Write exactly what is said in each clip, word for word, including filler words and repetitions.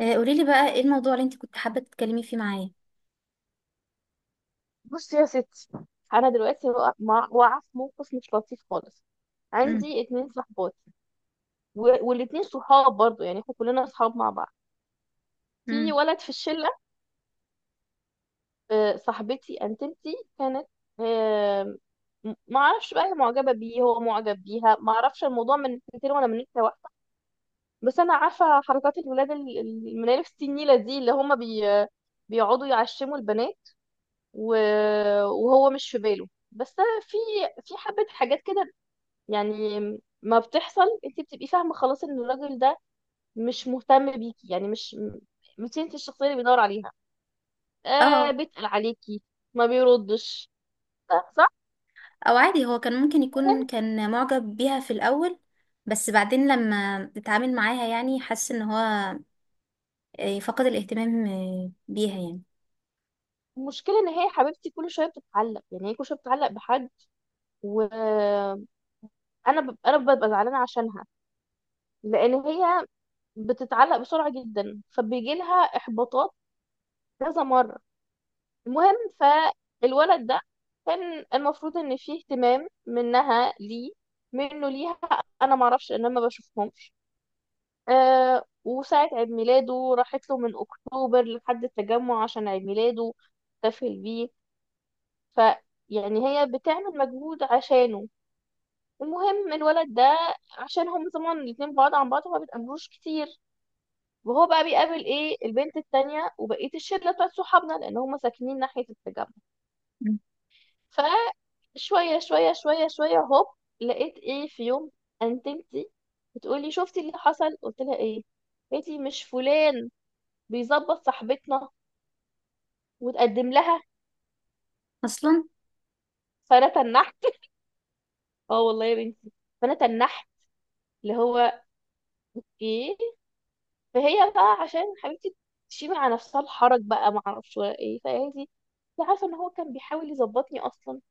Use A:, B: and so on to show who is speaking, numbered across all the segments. A: آه، قوليلي بقى ايه الموضوع اللي انت كنت حابة تتكلمي فيه معايا؟
B: بصي يا ستي، انا دلوقتي وقع- مع- واقعه في موقف مش لطيف خالص.
A: امم.
B: عندي اتنين صحبات، و- والاتنين صحاب برضو، يعني احنا كلنا صحاب مع بعض. في
A: امم.
B: ولد في الشله. آه، صاحبتي انتمتي كانت. آه، م- ما اعرفش بقى هي معجبه بيه، هو معجب بيها، ما اعرفش الموضوع من ناحيتين ولا من ناحيه واحده. بس انا عارفه حركات الولاد ال- ال- المنالف السنيله دي اللي هما بي بيقعدوا يعشموا البنات. و- وهو مش في باله، بس أنا في في حبه حاجات كده يعني. ما بتحصل، انت بتبقي فاهمه خلاص ان الراجل ده مش مهتم بيكي، يعني مش مش انت الشخصيه اللي بيدور عليها. آه
A: اه.
B: بيتقل عليكي، ما بيردش، صح صح؟
A: او عادي، هو كان ممكن
B: المهم.
A: يكون كان معجب بيها في الاول. بس بعدين لما اتعامل معاها يعني حس ان هو آه، فقد الاهتمام آه، بيها يعني.
B: المشكله ان هي حبيبتي كل شويه بتتعلق، يعني هي كل شويه بتتعلق بحد. وانا ب... انا ببقى زعلانه عشانها، لان هي بتتعلق بسرعه جدا فبيجي لها احباطات كذا مره. المهم فالولد ده، كان المفروض ان فيه اهتمام منها ليه، منه ليها. انا معرفش ان انا ما بشوفهمش. آه وساعة عيد ميلاده راحت له من اكتوبر لحد التجمع عشان عيد ميلاده احتفل بيه. ف يعني هي بتعمل مجهود عشانه. المهم الولد ده، عشان هم طبعا الاتنين بعاد عن بعض، ما بيتقابلوش كتير. وهو بقى بيقابل ايه البنت التانية وبقية الشلة بتاعت صحابنا، لان هم ساكنين ناحية التجمع.
A: مم.
B: فشوية شوية شوية شوية هوب، لقيت ايه في يوم، انتمتي بتقولي شفتي اللي حصل، قلت لها ايه، قالت لي مش فلان بيظبط صاحبتنا وتقدم لها.
A: اصلا.
B: فانا تنحت. اه والله يا بنتي، فانا تنحت، اللي هو ايه. فهي بقى عشان حبيبتي، تشيل على نفسها الحرج بقى، ما اعرفش ولا ايه، فقالت لي انت عارفه ان هو كان بيحاول يظبطني اصلا.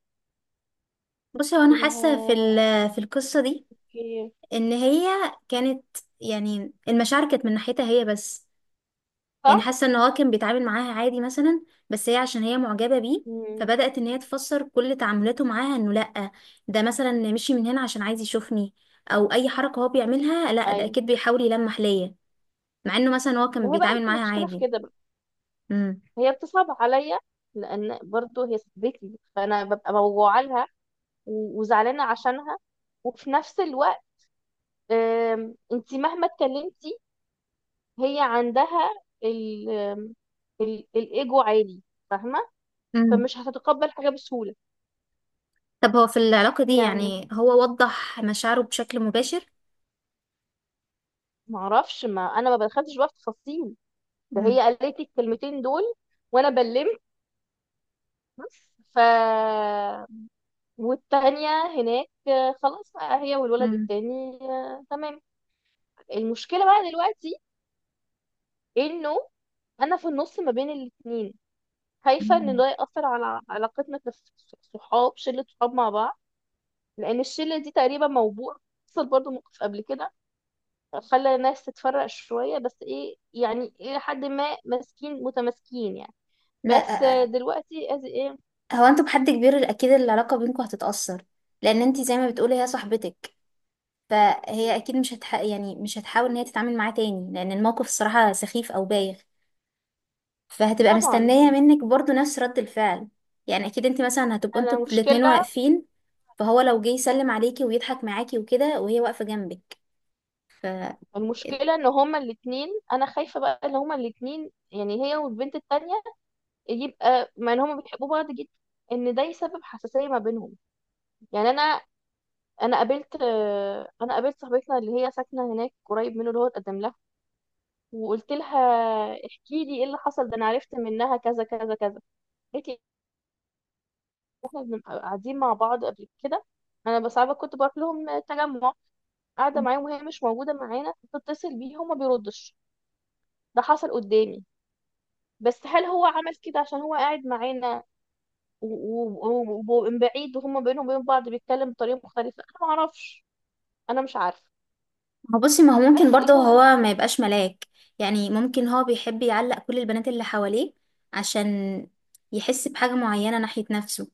A: بصي، هو
B: قلت
A: انا حاسة في
B: لها
A: ال- في القصة دي
B: ايه.
A: ان هي كانت، يعني المشاعر كانت من ناحيتها هي بس. يعني
B: صح.
A: حاسه ان هو كان بيتعامل معاها عادي مثلا، بس هي عشان هي معجبه بيه
B: امم.
A: فبدات ان هي تفسر كل تعاملاته معاها انه لا، ده مثلا مشي من هنا عشان عايز يشوفني، او اي حركه هو بيعملها لا ده
B: ايوه.
A: اكيد بيحاول يلمح ليا. مع انه مثلا هو
B: ما
A: كان
B: هي بقى
A: بيتعامل معاها
B: المشكله في
A: عادي.
B: كده.
A: امم.
B: هي بتصعب عليا، لان برضو هي صاحبتي فانا ببقى موجوعه لها و- وزعلانه عشانها. وفي نفس الوقت، انت مهما اتكلمتي هي عندها ال آم، ال- الايجو عالي، فاهمه.
A: امم.
B: فمش هتتقبل حاجه بسهوله.
A: طب هو في العلاقه دي
B: يعني
A: يعني هو وضح مشاعره بشكل مباشر؟
B: ما اعرفش، ما انا ما بدخلتش بقى في تفاصيل. ده
A: امم.
B: هي قالت لي الكلمتين دول وانا بلمت بس. ف والتانية هناك، آه، خلاص بقى، هي والولد
A: امم.
B: التاني، آه، تمام. المشكلة بقى دلوقتي انه انا في النص ما بين الاتنين. خايفة ان
A: مم.
B: ده يأثر على علاقتنا كصحاب، شلة صحاب مع بعض. لان الشلة دي تقريبا موضوع. حصل برضو موقف قبل كده خلى الناس تتفرق شوية، بس ايه يعني، الى حد ما ماسكين متماسكين يعني. بس آه،
A: لا،
B: دلوقتي از ايه.
A: هو انتوا بحد كبير اكيد العلاقه بينكم هتتاثر، لان انت زي ما بتقولي هي صاحبتك. فهي اكيد مش هتح... يعني مش هتحاول ان هي تتعامل معاه تاني لان الموقف الصراحة سخيف او بايخ. فهتبقى
B: طبعا.
A: مستنية منك برضو نفس رد الفعل. يعني اكيد انت مثلا هتبقوا انتوا
B: انا
A: الاتنين
B: مشكلة
A: واقفين، فهو لو جه يسلم عليكي ويضحك معاكي وكده وهي واقفة جنبك ف...
B: المشكلة ان هما الاتنين، انا خايفة بقى ان هما الاتنين يعني هي والبنت التانية، يبقى مع ان هما بيحبوا بعض جدا، ان ده يسبب حساسيه ما بينهم. يعني انا انا قابلت آه، انا قابلت صاحبتنا اللي هي ساكنه هناك قريب منه، اللي هو اتقدم لها. وقلت لها احكي لي ايه اللي حصل ده، انا عرفت منها كذا كذا كذا. قالت لي إحنا بنبقى قاعدين مع بعض قبل كده. انا بس عارفة كنت بروح لهم تجمع، قاعده معاهم وهي مش موجوده معانا، بتتصل بيه هو ما بيردش، ده حصل قدامي. بس هل هو عمل كده عشان هو قاعد معانا و- و- ومن بعيد وهم بينهم وبين بعض بيتكلم بطريقة مختلفة، انا ما اعرفش. انا مش عارفة.
A: ما بصي، ما هو ممكن
B: بس
A: برضه
B: المهم.
A: هو ما يبقاش ملاك. يعني ممكن هو بيحب يعلق كل البنات اللي حواليه عشان يحس بحاجة معينة ناحية نفسه.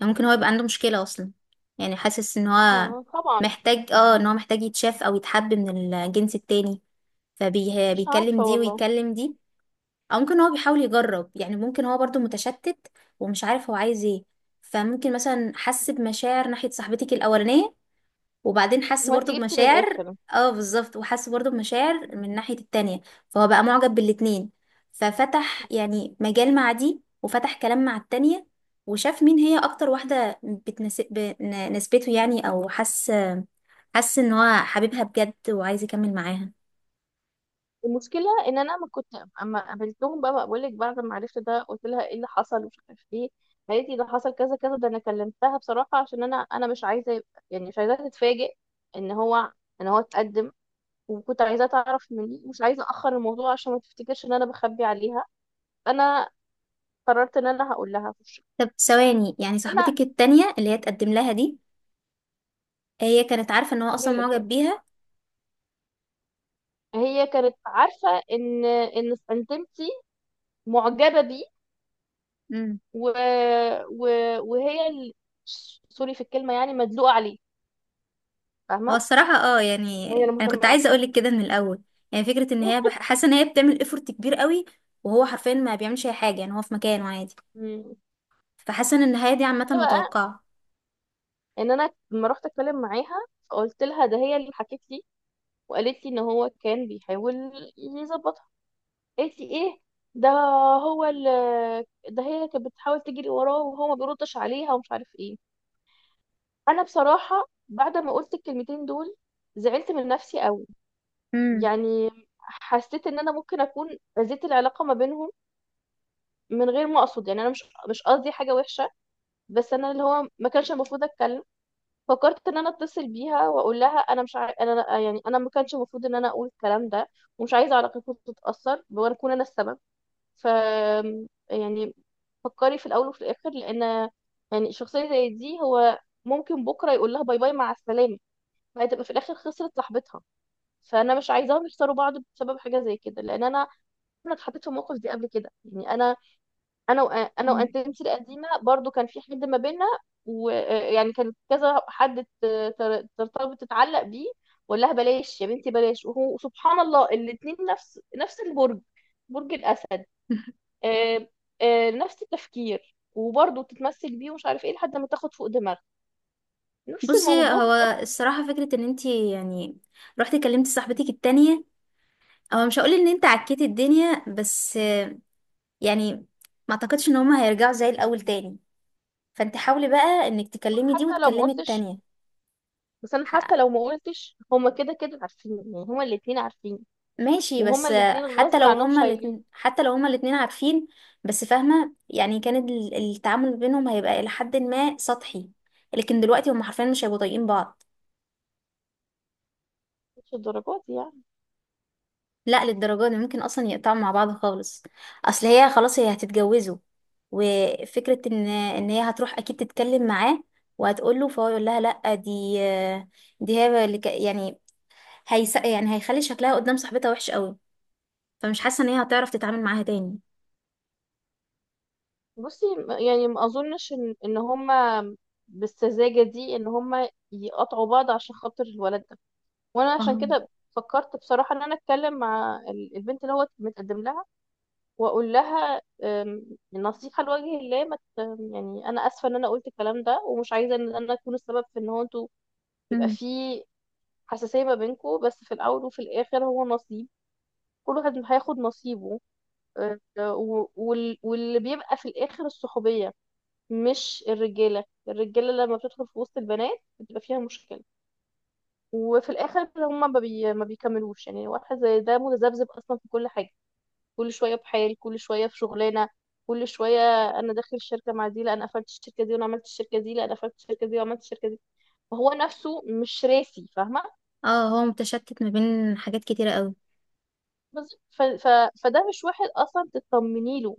A: يعني ممكن هو يبقى عنده مشكلة أصلا. يعني حاسس إن هو
B: ما طبعا.
A: محتاج اه إن هو محتاج يتشاف أو يتحب من الجنس التاني،
B: مش
A: فبيكلم
B: عارفة
A: دي
B: والله.
A: ويكلم دي. أو ممكن هو بيحاول يجرب، يعني ممكن هو برضو متشتت ومش عارف هو عايز ايه. فممكن مثلا حس بمشاعر ناحية صاحبتك الأولانية، وبعدين حس
B: هو انت
A: برضو
B: جبتي من
A: بمشاعر.
B: الاخر.
A: اه، بالظبط. وحس برضو بمشاعر من الناحية التانية. فهو بقى معجب بالاتنين، ففتح يعني مجال مع دي وفتح كلام مع التانية، وشاف مين هي اكتر واحدة بتناسب نسبته، يعني او حس حس ان هو حبيبها بجد وعايز يكمل معاها.
B: المشكلة ان انا ما كنت. اما قابلتهم بقى، بقول لك، بعد ما عرفت ده قلت لها ايه اللي حصل ومش عارف ايه. قالت لي ده حصل كذا كذا. ده انا كلمتها بصراحة عشان انا انا مش عايزة يبقى- يعني مش عايزاها تتفاجئ ان هو ان هو اتقدم. وكنت عايزاها تعرف مني، مش عايزة اخر الموضوع عشان ما تفتكرش ان انا بخبي عليها. انا قررت ان انا هقول لها.
A: طب ثواني، يعني
B: فانا
A: صاحبتك التانية اللي هي تقدم لها دي هي كانت عارفة ان هو
B: هي
A: اصلا
B: اللي بتقول
A: معجب بيها؟
B: هي كانت عارفه ان ان انتمتي معجبه بيه. و... و... وهي ال... سوري في الكلمه، يعني مدلوقه عليه،
A: هو
B: فاهمه.
A: الصراحة اه
B: هي اللي
A: يعني انا كنت
B: مهتمه
A: عايزة
B: اكتر.
A: اقولك كده من الاول. يعني فكرة ان هي بح- حاسة ان هي بتعمل افورت كبير قوي وهو حرفيا ما بيعملش اي حاجة، يعني هو في مكانه عادي.
B: مم.
A: فحاسة ان النهاية دي عامة
B: المشكله بقى
A: متوقعة.
B: ان انا لما رحت اتكلم معاها فقلت لها ده، هي اللي حكت لي. وقالت لي ان هو كان بيحاول يظبطها، قالت لي ايه، ده هو اللي ده هي كانت بتحاول تجري وراه وهو ما بيردش عليها ومش عارف ايه. انا بصراحه بعد ما قلت الكلمتين دول زعلت من نفسي قوي،
A: امم.
B: يعني حسيت ان انا ممكن اكون اذيت العلاقه ما بينهم من غير ما اقصد. يعني انا مش مش قصدي حاجه وحشه. بس انا، اللي هو، ما كانش المفروض اتكلم. فكرت ان انا اتصل بيها واقول لها انا مش عاي... انا يعني انا ما كانش المفروض ان انا اقول الكلام ده. ومش عايزه علاقتكم تتاثر وانا اكون انا السبب. ف يعني، فكري في الاول وفي الاخر، لان يعني شخصيه زي دي هو ممكن بكره يقول لها باي باي مع السلامه. فهتبقى في الاخر خسرت صاحبتها، فانا مش عايزاهم يخسروا بعض بسبب حاجه زي كده. لان انا انا اتحطيت في الموقف دي قبل كده. يعني انا، انا وأ- انا
A: مم.
B: وانتمتي القديمه برضو كان في حد ما بينا. ويعني كان كذا حد ت- تر- ترتبط تتعلق بيه. وقال لها بلاش يا بنتي بلاش. وهو سبحان الله، الاتنين نفس نفس البرج، برج الاسد. آه، آه، نفس التفكير وبرضه تتمثل بيه ومش عارف ايه لحد ما تاخد فوق دماغها، نفس
A: بصي
B: الموضوع
A: هو
B: بالظبط بيكون.
A: الصراحة فكرة ان انتي يعني رحتي كلمتي صاحبتك التانية، هو مش هقول ان انت عكيتي الدنيا بس، آه، يعني ما اعتقدش ان هما هيرجعوا زي الاول تاني. فانت حاولي بقى انك تكلمي دي
B: حتى لو ما
A: وتكلمي
B: قلتش.
A: التانية.
B: بس انا حتى لو ما قلتش، هما كده كده عارفين، يعني هما الاتنين عارفين.
A: ماشي
B: وهما
A: بس.
B: الاتنين
A: حتى
B: غصب
A: لو
B: عنهم
A: هما
B: شايلين.
A: الاتنين حتى لو هما الاتنين عارفين، بس فاهمة يعني كان ال- التعامل بينهم هيبقى إلى حد ما سطحي، لكن دلوقتي هما حرفيا مش هيبقوا طايقين بعض.
B: مش الدرجات دي يعني.
A: لا، للدرجة دي ممكن أصلا يقطعوا مع بعض خالص. أصل هي خلاص هي هتتجوزوا، وفكرة إن إن هي هتروح أكيد تتكلم معاه وهتقوله فهو يقول لها لأ، دي دي هي اللي ك- يعني هيس يعني هيخلي شكلها قدام صاحبتها وحش قوي. فمش حاسة إن هي هتعرف تتعامل معاها تاني.
B: بصي، م- يعني ما اظنش ان ان هما بالسذاجه دي ان هما يقطعوا بعض عشان خاطر الولد ده. وانا عشان
A: اه،
B: كده فكرت بصراحه ان انا اتكلم مع ال- البنت اللي هو متقدم لها. واقول لها أم، نصيحه لوجه الله، ما ت- يعني انا اسفه ان انا قلت الكلام ده. ومش عايزه ان انا اكون السبب في ان هو انتوا يبقى في حساسية ما بينكوا. بس في الأول وفي الآخر هو نصيب، كل واحد هياخد نصيبه. آه، و- وال- واللي بيبقى في الآخر الصحوبية. مش الرجالة الرجالة لما بتدخل في وسط البنات بتبقى فيها مشكلة. وفي الآخر هم ما, بي... ما بيكملوش، يعني واحد زي ده متذبذب أصلا في كل حاجة. كل شوية بحال، كل شوية في شغلانة، كل شوية أنا داخل الشركة مع دي، لا أنا قفلت الشركة دي وأنا عملت الشركة دي، لا أنا قفلت الشركة دي وعملت الشركة دي. فهو نفسه مش راسي، فاهمة.
A: اه، هو متشتت ما بين حاجات كتيرة قوي.
B: بالظبط. ف... ف... فده مش واحد اصلا تطمني له.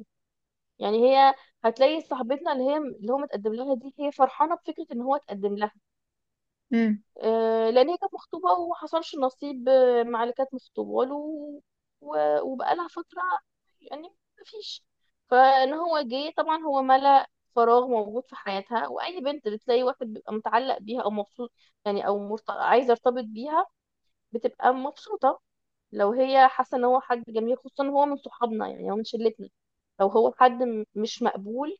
B: يعني هي هتلاقي صاحبتنا اللي هي اللي هو متقدم لها دي، هي فرحانه بفكره ان هو اتقدم لها.
A: امم.
B: آه لان هي كانت مخطوبه وما حصلش نصيب آه، مع اللي كانت مخطوبه له. و... وبقالها فتره يعني مفيش. فان هو جه، طبعا هو ملأ فراغ موجود في حياتها. واي بنت بتلاقي واحد بيبقى متعلق بيها او مبسوط يعني، او مرت... عايزه ارتبط بيها، بتبقى مبسوطه. لو هي حاسه ان هو حد جميل، خصوصا إن هو من صحابنا، يعني هو من شلتنا. لو هو حد م- مش مقبول،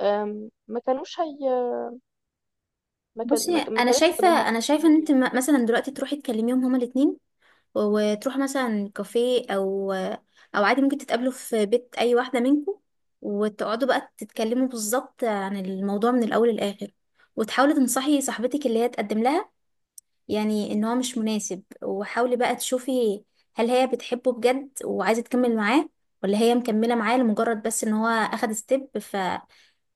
B: أم، ما كانوش هي ما كان ما
A: بصي
B: كان- ما
A: انا
B: كانتش
A: شايفة
B: هتبقى
A: انا
B: مبسوطه
A: شايفة ان
B: بيه
A: انت
B: يعني.
A: م- مثلا دلوقتي تروحي تكلميهم هما الاتنين، و- وتروحوا مثلا كافيه، او او عادي ممكن تتقابلوا في بيت اي واحدة منكم، وتقعدوا بقى
B: مم.
A: تتكلموا بالظبط عن الموضوع من الاول للاخر. وتحاولي تنصحي صاحبتك اللي هي تقدم لها، يعني ان هو مش مناسب. وحاولي بقى تشوفي هل هي بتحبه بجد وعايزة تكمل معاه، ولا هي مكملة معاه لمجرد بس ان هو اخد ستيب،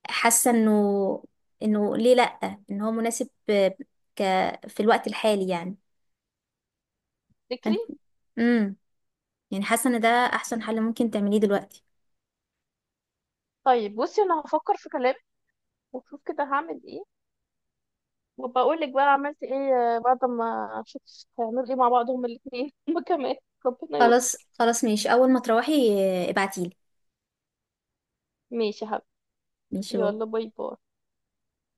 A: حاسه انه انه ليه لا، ان هو مناسب آه، ك في الوقت الحالي يعني.
B: تفتكري.
A: فانت امم يعني حاسه ان ده احسن
B: مم.
A: حل ممكن تعمليه دلوقتي.
B: طيب بصي، انا هفكر في كلامك واشوف كده هعمل ايه، وبقول لك بقى عملت ايه آه، بعد ما اشوف هيعملوا ايه مع بعض هما الاثنين. هما كمان، ربنا
A: خلاص
B: يستر.
A: خلاص، ماشي. اول ما تروحي آه، ابعتيلي.
B: ماشي يا حبيبي.
A: ماشي، باي.
B: يلا باي باي.